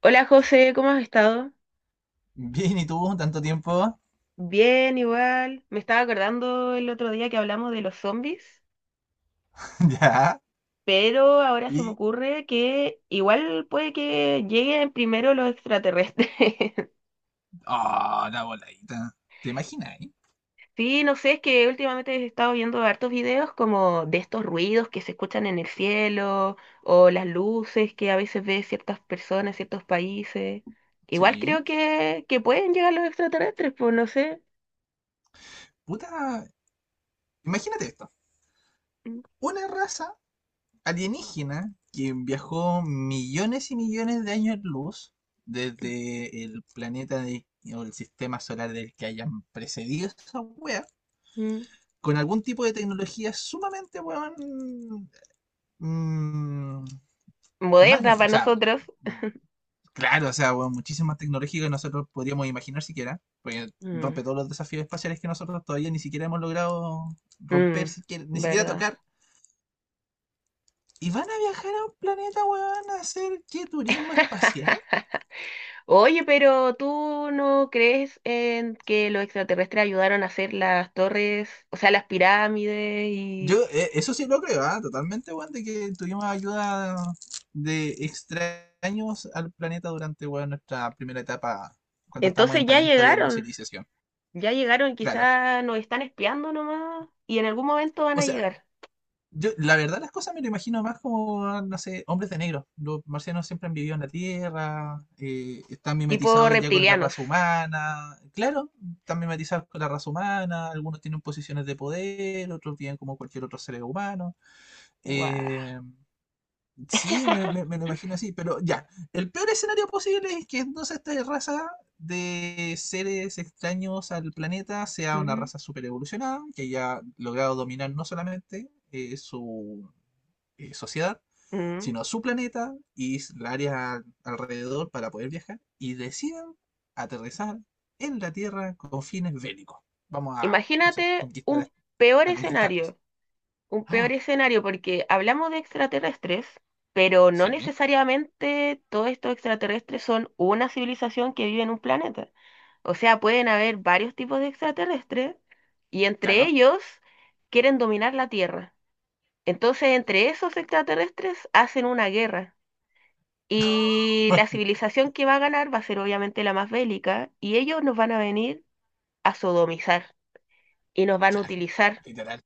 Hola José, ¿cómo has estado? Bien, ¿y tú? ¿Tanto tiempo? Bien, igual. Me estaba acordando el otro día que hablamos de los zombies, Ya. pero ahora se me Y. ocurre que igual puede que lleguen primero los extraterrestres. Ah, la voladita. ¿Te imaginas, eh? Sí, no sé, es que últimamente he estado viendo hartos videos como de estos ruidos que se escuchan en el cielo o las luces que a veces ve ciertas personas, ciertos países. Igual Sí. creo que pueden llegar los extraterrestres, pues no sé. Puta. Imagínate esto. Mm, Una raza alienígena que viajó millones y millones de años luz mm. desde el planeta o el sistema solar del que hayan precedido esa wea, mm. con algún tipo de tecnología sumamente, weón. mm, Más, Moderna para o sea, nosotros. claro, o sea, bueno, muchísima tecnología que nosotros podríamos imaginar siquiera, porque Mm, rompe todos los desafíos espaciales que nosotros todavía ni siquiera hemos logrado romper, mm, ni siquiera ¿Verdad? tocar. ¿Y van a viajar a un planeta, weón, a hacer qué turismo espacial? Oye, pero ¿tú no crees en que los extraterrestres ayudaron a hacer las torres, o sea, las pirámides y Yo, eso sí lo creo, totalmente, weón, de que tuvimos ayuda de extraños al planeta durante, weón, nuestra primera etapa, cuando estábamos entonces en pañales todavía como civilización. ya llegaron, Claro. quizás nos están espiando nomás y en algún momento van O a sea, llegar, yo, la verdad, las cosas me lo imagino más como, no sé, hombres de negro. Los marcianos siempre han vivido en la Tierra, están tipo mimetizados ya con la reptilianos. raza humana. Claro, están mimetizados con la raza humana, algunos tienen posiciones de poder, otros viven como cualquier otro ser humano. Guau. Eh, sí, me lo imagino así, pero ya, el peor escenario posible es que entonces esta raza de seres extraños al planeta sea una Ujú, raza super evolucionada, que haya logrado dominar no solamente su sociedad, ujú. sino a su planeta y la área alrededor para poder viajar y decidan aterrizar en la Tierra con fines bélicos. Vamos a, no sé, Imagínate conquistar a, un peor a conquistarlos. escenario. Un peor Oh, escenario porque hablamos de extraterrestres, pero no sí, necesariamente todos estos extraterrestres son una civilización que vive en un planeta. O sea, pueden haber varios tipos de extraterrestres y entre claro. ellos quieren dominar la Tierra. Entonces, entre esos extraterrestres hacen una guerra y la civilización que va a ganar va a ser obviamente la más bélica y ellos nos van a venir a sodomizar y nos van a utilizar. Literal,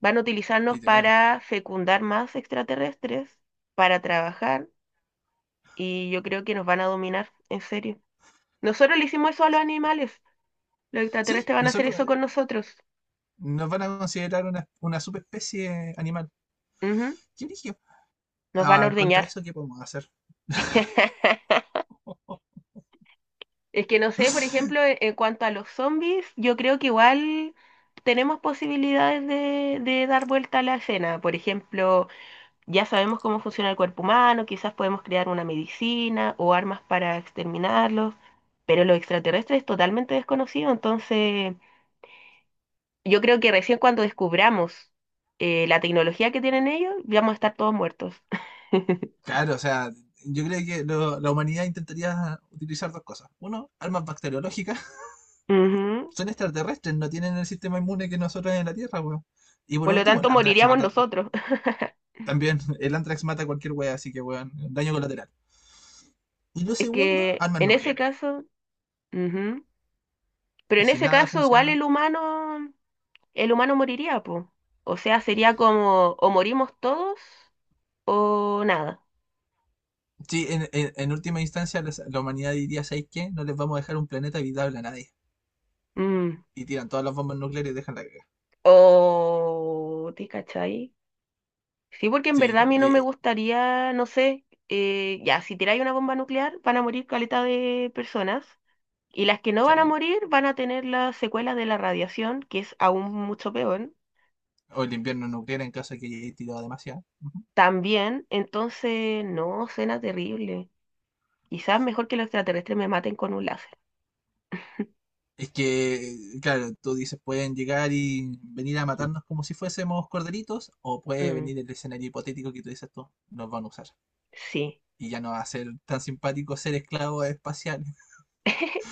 Van a utilizarnos literal. para fecundar más extraterrestres, para trabajar, y yo creo que nos van a dominar, en serio. Nosotros le hicimos eso a los animales. Los Sí, extraterrestres van a hacer nosotros eso con nosotros. nos van a considerar una subespecie animal. Ujú. ¿Qué origen? Nos van a Ah, contra ordeñar. eso, ¿qué podemos hacer? Es que no sé, por ejemplo, en cuanto a los zombies, yo creo que igual tenemos posibilidades de dar vuelta a la escena. Por ejemplo, ya sabemos cómo funciona el cuerpo humano, quizás podemos crear una medicina o armas para exterminarlos, pero los extraterrestres es totalmente desconocido, entonces yo creo que recién cuando descubramos la tecnología que tienen ellos, vamos a estar todos muertos. Claro, o sea, yo creo que la humanidad intentaría utilizar dos cosas. Uno, armas bacteriológicas. Ujú. Son extraterrestres, no tienen el sistema inmune que nosotros en la Tierra, weón. Y por Por lo último, el tanto, Antrax moriríamos mata. nosotros. También, el Antrax mata a cualquier weón, así que weón, daño colateral. Y lo Es segundo, que armas en ese nucleares. caso, ujú. Pero Y en si ese nada caso igual funciona. El humano moriría, pues. O sea, sería como o morimos todos o nada. Sí, en última instancia, la humanidad diría: ¿sabéis qué? No les vamos a dejar un planeta habitable a nadie. Mm. Y tiran todas las bombas nucleares y dejan la guerra. O, ¿te cachai? Sí, porque en verdad a Sí, mí no me gustaría, no sé, ya, si tiráis una bomba nuclear van a morir caleta de personas y las que no sí. van a morir van a tener las secuelas de la radiación, que es aún mucho peor, O el invierno nuclear en caso de que haya tirado demasiado. Ujú. también, entonces, no, suena terrible. Quizás mejor que los extraterrestres me maten con un láser. Es que, claro, tú dices, pueden llegar y venir a matarnos como si fuésemos corderitos, o puede Mm, venir el escenario hipotético que tú dices tú, nos van a usar. sí. Y ya no va a ser tan simpático ser esclavo espacial,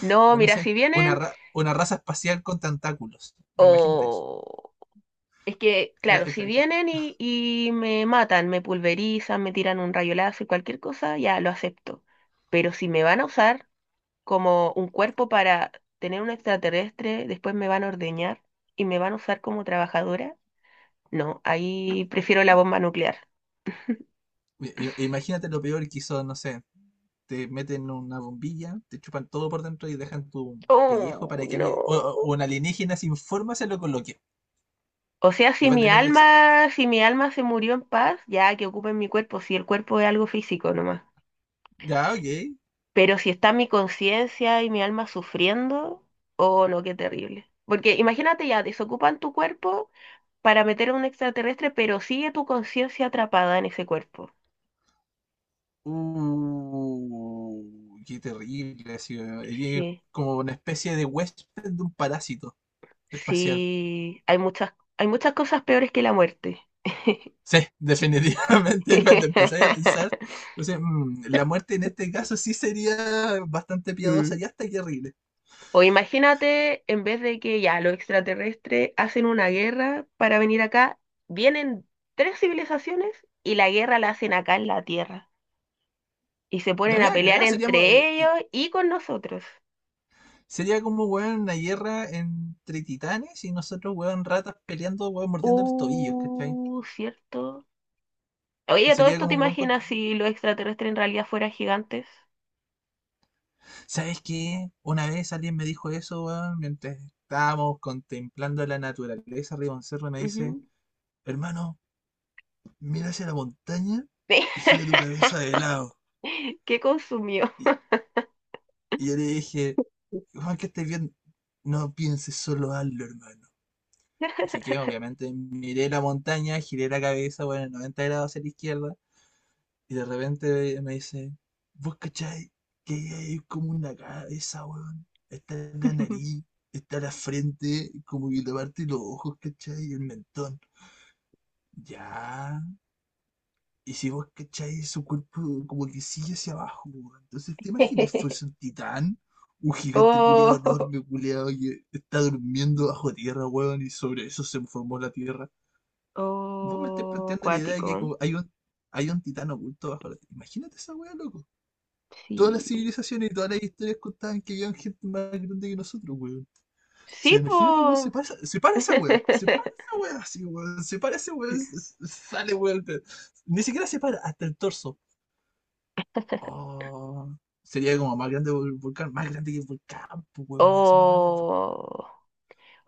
No, de no mira, si sé, una, vienen, una raza espacial con tentáculos. Imagínate eso. o... Es que, Cla- claro, eh, si cla- cla- vienen y me matan, me pulverizan, me tiran un rayo láser, cualquier cosa, ya lo acepto. Pero si me van a usar como un cuerpo para tener un extraterrestre, después me van a ordeñar y me van a usar como trabajadora, no, ahí prefiero la bomba nuclear. Imagínate lo peor que hizo, no sé, te meten una bombilla, te chupan todo por dentro y dejan tu pellejo Oh, para que alguien, o, no. o un alienígena sin forma se lo coloque. O sea, Y va a tener, exacto, si mi alma se murió en paz, ya que ocupen mi cuerpo, si el cuerpo es algo físico nomás. ya, ok. Pero si está mi conciencia y mi alma sufriendo, oh no, qué terrible. Porque imagínate ya, desocupan tu cuerpo para meter a un extraterrestre, pero sigue tu conciencia atrapada en ese cuerpo. Qué terrible. Así, eres Sí, como una especie de huésped de un parásito espacial. sí, hay muchas cosas peores que la muerte. Sí, definitivamente cuando empezáis a pensar, entonces, la muerte en este caso sí sería bastante piadosa Mm. y hasta terrible. O imagínate, en vez de que ya los extraterrestres hacen una guerra para venir acá, vienen tres civilizaciones y la guerra la hacen acá en la Tierra, y se ponen a También a pelear cagar, entre ellos y con nosotros. sería como, weón, una guerra entre titanes y nosotros, weón, ratas peleando, weón, mordiendo los tobillos, ¿cachai? Cierto. Oye, todo Sería esto te como, weón. imaginas si los extraterrestres en realidad fueran gigantes. ¿Sabes qué? Una vez alguien me dijo eso, weón, mientras estábamos contemplando la naturaleza arriba de un cerro, y me dice, Ujú. hermano, mira hacia la montaña Sí. y gira tu cabeza de lado. ¿Qué consumió? Y, y yo le dije, Juan, que estés bien, no pienses solo hazlo, hermano. Así que obviamente miré la montaña, giré la cabeza, bueno, 90 grados hacia la izquierda. Y de repente me dice, ¿vos cachai? Que hay como una cabeza, weón. Está en la nariz, está en la frente, como que la parte de los ojos, ¿cachai? Y el mentón. Ya. Y si vos cachai, su cuerpo como que sigue hacia abajo, weón. Entonces, ¿te imaginas fuese un titán? Un gigante culeado Oh, enorme, culeado, que está durmiendo bajo tierra, weón, y sobre eso se formó la tierra. Vos me estás oh, planteando la idea de que hay acuático. Hay un titán oculto bajo la tierra. Imagínate esa weá, loco. Todas las Sí. civilizaciones y todas las historias contaban que había gente más grande que nosotros, weón. O sea, Sí, imagínate, weón, se po. para, se para esa weá. Se para esa weá así, weón. Se para esa weá, sale, weón. Pero ni siquiera se para, hasta el torso. Oh, sería como más grande que el volcán. Más grande que el volcán, pues, weón. Me dice más grande que el volcán. O,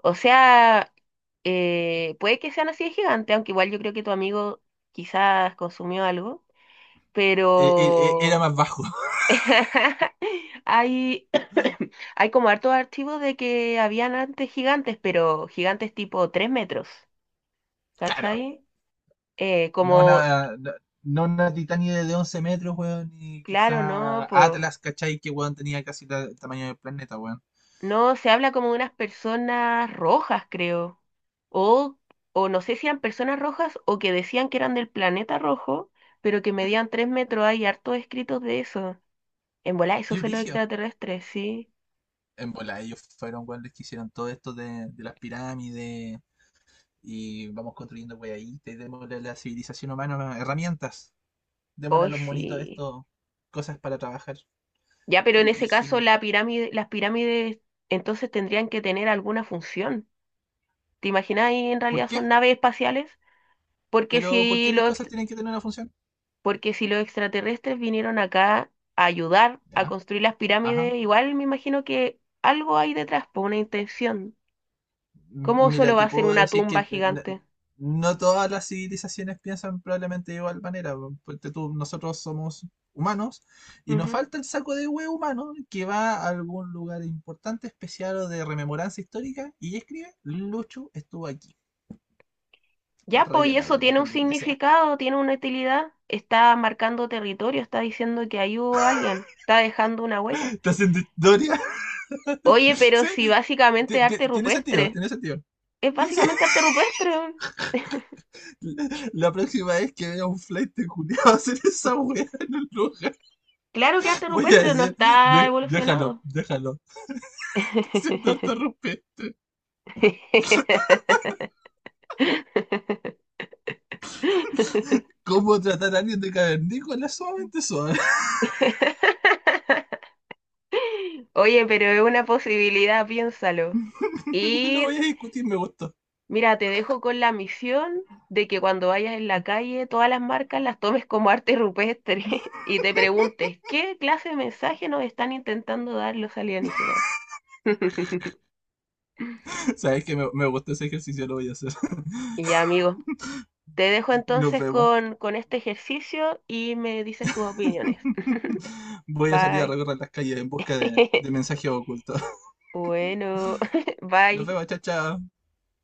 o sea, puede que sean así de gigantes, aunque igual yo creo que tu amigo quizás consumió algo, Era pero más bajo, hay, hay como hartos archivos de que habían antes gigantes, pero gigantes tipo 3 metros, claro. ¿cachai? No Como, una, no, no una Titania de 11 metros, weón. Ni quizá claro, no, pues, Atlas, ¿cachai? Que, weón, tenía casi el tamaño del planeta, weón. no, se habla como de unas personas rojas, creo, o, o no sé si eran personas rojas o que decían que eran del planeta rojo, pero que medían 3 metros, hay hartos escritos de eso. En volá, esos Qué son los brillo. extraterrestres, sí. En bola, ellos fueron los que hicieron todo esto de las pirámides y vamos construyendo weaditas y démosle a la civilización humana herramientas. Démosle a Hoy los monitos sí. esto, cosas para trabajar. Ya, pero Qué en ese caso rígido. la pirámide, las pirámides entonces tendrían que tener alguna función. ¿Te imaginas ahí en ¿Por realidad qué? son naves espaciales? Porque Pero ¿por qué si otras los, cosas ext- tienen que tener una función? porque si los extraterrestres vinieron acá a ayudar a Ya, construir las pirámides, ajá. igual me imagino que algo hay detrás, por una intención. ¿Cómo Mira, solo va te a ser puedo una decir que tumba n- no gigante? no todas las civilizaciones piensan probablemente de igual manera. Porque nosotros somos humanos y nos Ujú. falta el saco de huevo humano que va a algún lugar importante, especial o de rememoranza histórica y escribe, Lucho estuvo aquí. Ya, pues, Raya y la eso wea tiene un con lo que sea. significado, tiene una utilidad. Está marcando territorio, está diciendo que ahí hubo alguien, está dejando una huella. ¿Estás haciendo historia? Oye, pero Sí, si básicamente arte tiene sentido, rupestre, tiene sentido. es Sí, sí. básicamente arte rupestre, weón. La próxima vez que vea un flight de culiao hacer esa wea en el lugar. Claro que arte Voy a rupestre no decir, está déjalo, evolucionado. déjalo, sin interrumpir. ¿Cómo tratar a alguien de cavernícola? Suavemente suave. Oye, pero es una posibilidad, piénsalo. No lo Y voy a discutir, me gustó. mira, te dejo con la misión de que cuando vayas en la calle, todas las marcas las tomes como arte rupestre y te preguntes, ¿qué clase de mensaje nos están intentando dar los alienígenas? Sabes que me gustó ese ejercicio, lo voy a hacer. Y ya, amigo, te dejo Nos entonces vemos. Con este ejercicio y me dices tus opiniones. Voy a salir a Bye. recorrer las calles en busca de mensajes ocultos. Bueno, Nos bye. vemos, chao, chao.